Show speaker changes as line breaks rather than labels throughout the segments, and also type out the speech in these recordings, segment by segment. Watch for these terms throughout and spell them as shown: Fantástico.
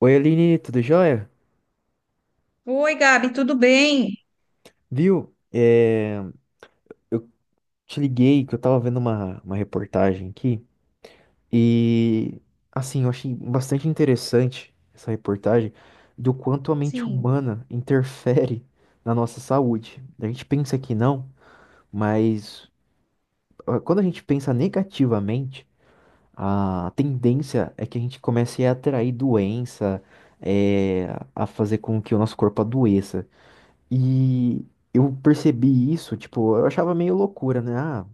Oi, Aline, tudo jóia?
Oi, Gabi, tudo bem?
Viu? Te liguei que eu tava vendo uma reportagem aqui e, assim, eu achei bastante interessante essa reportagem do quanto a mente
Sim,
humana interfere na nossa saúde. A gente pensa que não, mas quando a gente pensa negativamente, a tendência é que a gente comece a atrair doença, é, a fazer com que o nosso corpo adoeça. E eu percebi isso, tipo, eu achava meio loucura, né? Ah,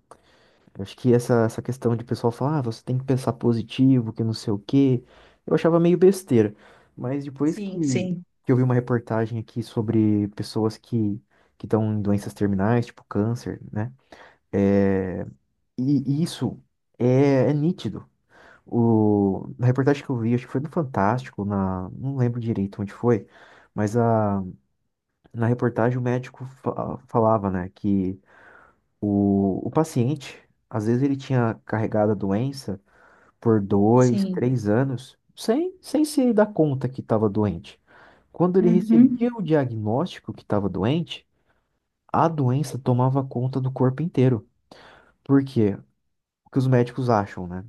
eu acho que essa questão de pessoal falar, ah, você tem que pensar positivo, que não sei o quê. Eu achava meio besteira. Mas depois
sim,
que,
sim,
que eu vi uma reportagem aqui sobre pessoas que estão em doenças terminais, tipo câncer, né? É, e isso é nítido. Na reportagem que eu vi, acho que foi no Fantástico, na, não lembro direito onde foi, mas a na reportagem, o médico falava, né, que o paciente, às vezes, ele tinha carregado a doença por dois,
sim.
três anos, sem, sem se dar conta que estava doente. Quando ele
Uhum,
recebia o diagnóstico que estava doente, a doença tomava conta do corpo inteiro. Por quê? O que os médicos acham, né?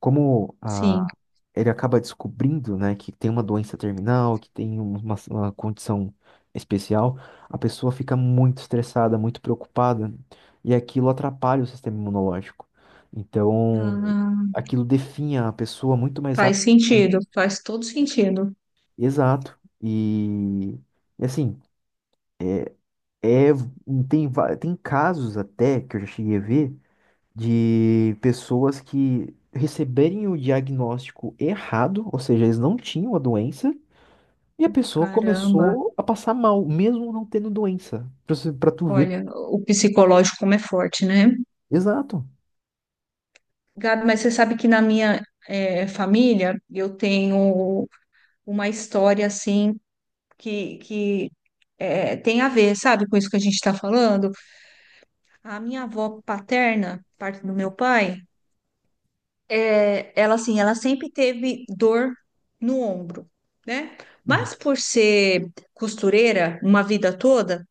Como
sim.
ele acaba descobrindo, né, que tem uma doença terminal, que tem uma condição especial, a pessoa fica muito estressada, muito preocupada, e aquilo atrapalha o sistema imunológico. Então,
Ah,
aquilo definha a pessoa muito mais
faz
rápido.
sentido, faz todo sentido.
Exato. E assim, é, tem casos até que eu já cheguei a ver de pessoas que receberem o diagnóstico errado, ou seja, eles não tinham a doença, e a pessoa
Caramba,
começou a passar mal, mesmo não tendo doença. Pra tu ver.
olha, o psicológico como é forte, né?
Exato.
Gabi, mas você sabe que na minha família eu tenho uma história assim que tem a ver, sabe, com isso que a gente está falando? A minha avó paterna, parte do meu pai. É, ela assim, ela sempre teve dor no ombro, né?
Uhum.
Mas por ser costureira uma vida toda,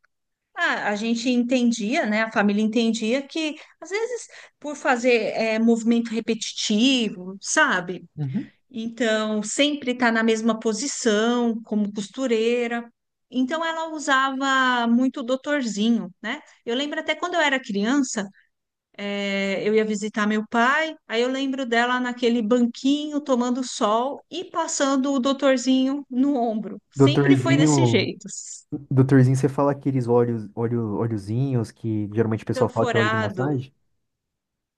a gente entendia, né? A família entendia que às vezes por fazer movimento repetitivo, sabe?
Uhum.
Então sempre está na mesma posição como costureira. Então ela usava muito o doutorzinho, né? Eu lembro até quando eu era criança, eu ia visitar meu pai, aí eu lembro dela naquele banquinho tomando sol e passando o doutorzinho no ombro. Sempre foi desse
Doutorzinho.
jeito.
Doutorzinho, você fala aqueles olhozinhos que geralmente o pessoal fala que é óleo de
Escanforado.
massagem?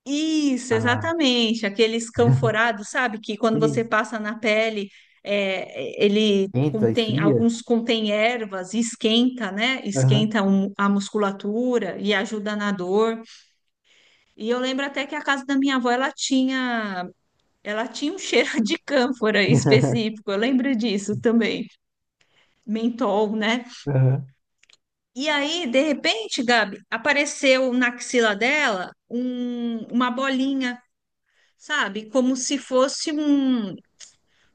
Isso,
Ah,
exatamente. Aquele escanforado, sabe? Que quando
sei.
você passa na pele, é, ele
Entra,
contém,
esfria.
alguns contém ervas, e esquenta, né?
Aham,
Esquenta a musculatura e ajuda na dor. E eu lembro até que a casa da minha avó, ela tinha. Ela tinha um cheiro de cânfora específico, eu lembro disso também. Mentol, né?
aham.
E aí, de repente, Gabi, apareceu na axila dela uma bolinha, sabe? Como se fosse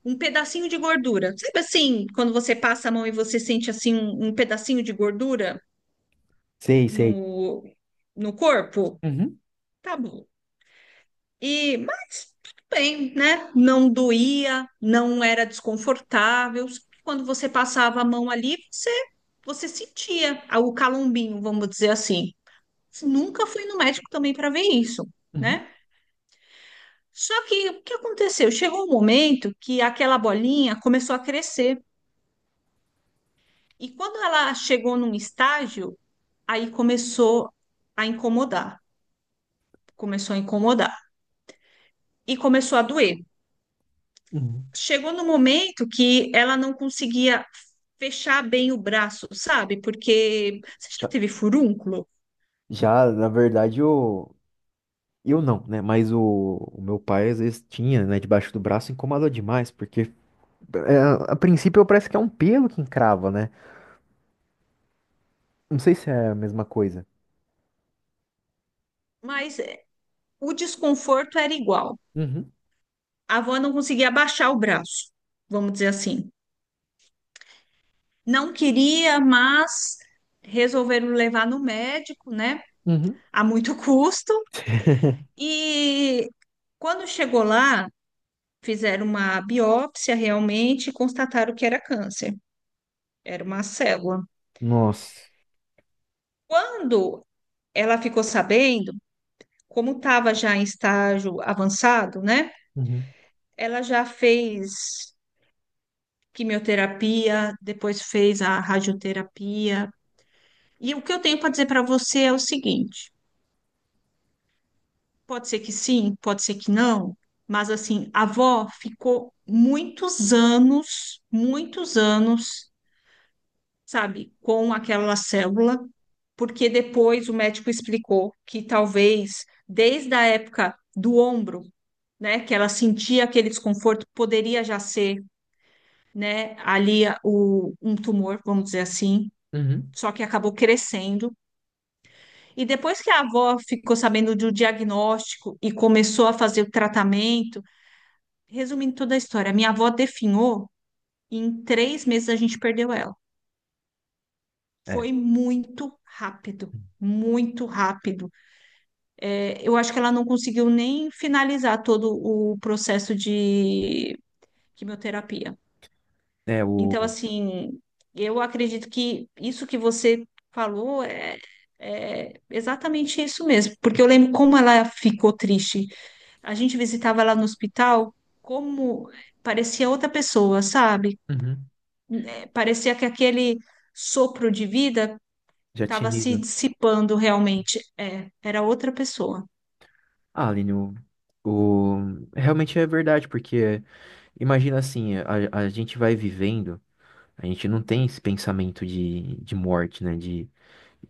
um pedacinho de gordura. Sabe assim, quando você passa a mão e você sente assim um pedacinho de gordura
Sei, sei.
no, no corpo?
Uhum.
Tá bom. E, mas tudo bem, né? Não doía, não era desconfortável. Só que quando você passava a mão ali, você sentia o calombinho, vamos dizer assim. Nunca fui no médico também para ver isso,
Uhum.
né? Só que o que aconteceu? Chegou um momento que aquela bolinha começou a crescer. E quando ela chegou num estágio, aí começou a incomodar. Começou a incomodar. E começou a doer.
Uhum.
Chegou no momento que ela não conseguia fechar bem o braço, sabe? Porque você já
Tá.
teve furúnculo,
Já, na verdade, o. Eu não, né? Mas o meu pai às vezes tinha, né, debaixo do braço, incomoda demais, porque é, a princípio parece que é um pelo que encrava, né? Não sei se é a mesma coisa.
mas é, o desconforto era igual.
Uhum,
A avó não conseguia abaixar o braço, vamos dizer assim. Não queria, mas resolveram levar no médico, né?
uhum,
A muito custo. E quando chegou lá, fizeram uma biópsia realmente e constataram que era câncer, era uma célula.
Nossa.
Quando ela ficou sabendo, como estava já em estágio avançado, né?
Uhum,
Ela já fez quimioterapia, depois fez a radioterapia. E o que eu tenho para dizer para você é o seguinte: pode ser que sim, pode ser que não, mas assim, a avó ficou muitos anos, sabe, com aquela célula, porque depois o médico explicou que talvez desde a época do ombro, né, que ela sentia aquele desconforto, poderia já ser né, ali, um tumor, vamos dizer assim,
uhum,
só que acabou crescendo. E depois que a avó ficou sabendo do diagnóstico e começou a fazer o tratamento, resumindo toda a história, minha avó definhou e em 3 meses a gente perdeu ela.
é,
Foi muito rápido. Muito rápido. É, eu acho que ela não conseguiu nem finalizar todo o processo de quimioterapia.
é
Então,
o.
assim, eu acredito que isso que você falou é, é exatamente isso mesmo, porque eu lembro como ela ficou triste. A gente visitava ela no hospital, como parecia outra pessoa, sabe?
Uhum.
É, parecia que aquele sopro de vida
Já tinha
estava se
lido.
dissipando realmente. É, era outra pessoa.
Ah, Aline, realmente é verdade, porque imagina assim, a gente vai vivendo, a gente não tem esse pensamento de morte, né? De,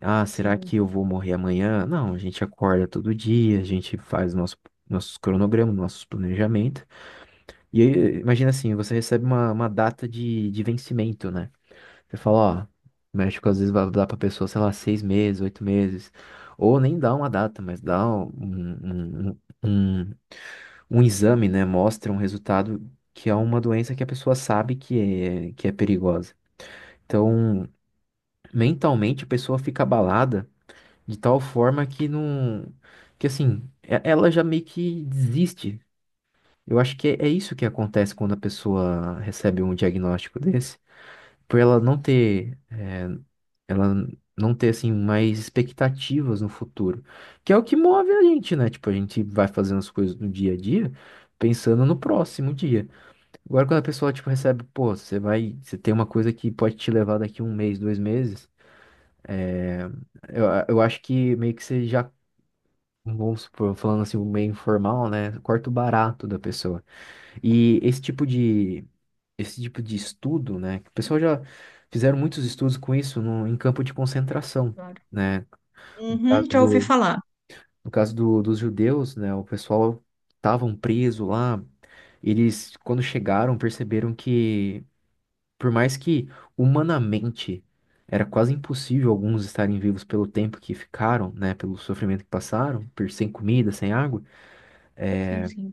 ah, será que
Sim,
eu vou morrer amanhã? Não, a gente acorda todo dia, a gente faz nossos cronogramas, nossos planejamentos. E aí, imagina assim, você recebe uma data de vencimento, né? Você fala, ó, o médico às vezes vai dar pra pessoa, sei lá, 6 meses, 8 meses, ou nem dá uma data, mas dá um- um exame, né? Mostra um resultado que é uma doença que a pessoa sabe que que é perigosa. Então, mentalmente a pessoa fica abalada de tal forma que não, que assim, ela já meio que desiste. Eu acho que é isso que acontece quando a pessoa recebe um diagnóstico desse, por ela não ter assim mais expectativas no futuro, que é o que move a gente, né? Tipo, a gente vai fazendo as coisas no dia a dia, pensando no próximo dia. Agora quando a pessoa tipo recebe, pô, você vai, você tem uma coisa que pode te levar daqui 1 mês, 2 meses, é, eu acho que meio que você já vamos supor, falando assim, meio informal, né? Corta o barato da pessoa. E esse tipo de estudo, né? que O pessoal já fizeram muitos estudos com isso no, em campo de concentração
claro.
né? No
Uhum,
caso
já ouvi
do,
falar.
no caso do, dos judeus, né, o pessoal estavam preso lá. Eles, quando chegaram, perceberam que, por mais que humanamente era quase impossível alguns estarem vivos pelo tempo que ficaram, né, pelo sofrimento que passaram, por sem comida, sem água,
Sim, sim,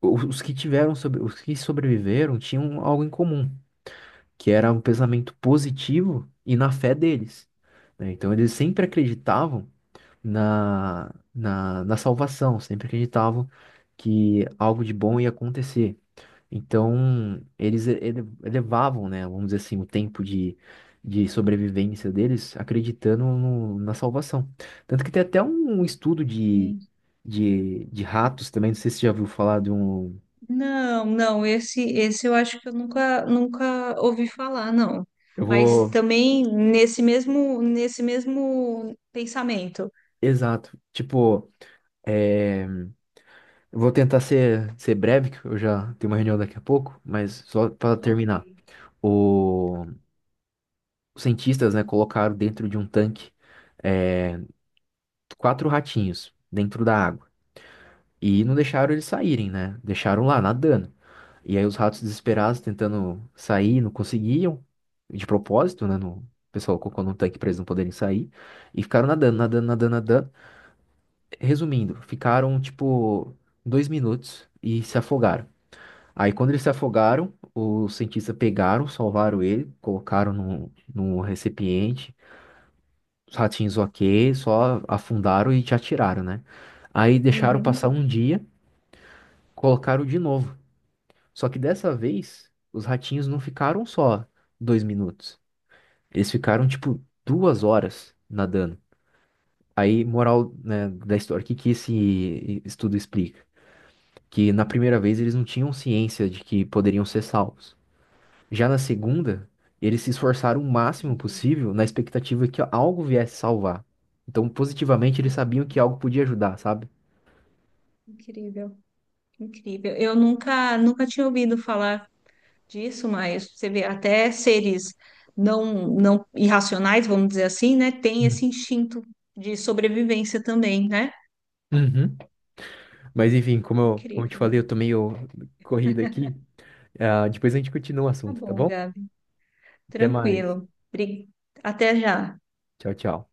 os que tiveram, os que sobreviveram tinham algo em comum, que era um pensamento positivo e na fé deles, né? Então eles sempre acreditavam na salvação, sempre acreditavam que algo de bom ia acontecer. Então, elevavam, né, vamos dizer assim, o tempo de sobrevivência deles acreditando na salvação. Tanto que tem até um estudo
sim.
de ratos também, não sei se você já ouviu falar de um.
Não, não, esse eu acho que eu nunca ouvi falar, não.
Eu
Mas
vou.
também nesse mesmo pensamento.
Exato. Tipo. É, eu vou tentar ser breve, que eu já tenho uma reunião daqui a pouco, mas só para
Ok.
terminar. O, Os cientistas, né, colocaram dentro de um tanque é, 4 ratinhos dentro da água e não deixaram eles saírem, né? Deixaram lá nadando. E aí os ratos desesperados tentando sair, não conseguiam, de propósito, né? No... O pessoal colocou num tanque para eles não poderem sair e ficaram nadando, nadando, nadando, nadando. Resumindo, ficaram tipo 2 minutos e se afogaram. Aí quando eles se afogaram, os cientistas pegaram, salvaram ele, colocaram num recipiente. Os ratinhos ok, só afundaram e te atiraram, né? Aí deixaram
Uhum.
passar um dia, colocaram de novo. Só que dessa vez, os ratinhos não ficaram só 2 minutos. Eles ficaram, tipo, 2 horas nadando. Aí, moral, né, da história, o que que esse estudo explica? Que na primeira vez eles não tinham ciência de que poderiam ser salvos. Já na segunda, eles se esforçaram o máximo
Entendi,
possível na expectativa que algo viesse salvar. Então, positivamente, eles sabiam
entendi.
que algo podia ajudar, sabe?
Incrível, incrível. Eu nunca tinha ouvido falar disso, mas você vê até seres não irracionais, vamos dizer assim, né, tem esse instinto de sobrevivência também, né?
Uhum. Mas enfim, como eu te
Incrível.
falei, eu tô meio corrido aqui. Ah, depois a gente continua o
Tá
assunto, tá
bom,
bom?
Gabi.
Até mais.
Tranquilo. Até já.
Tchau, tchau.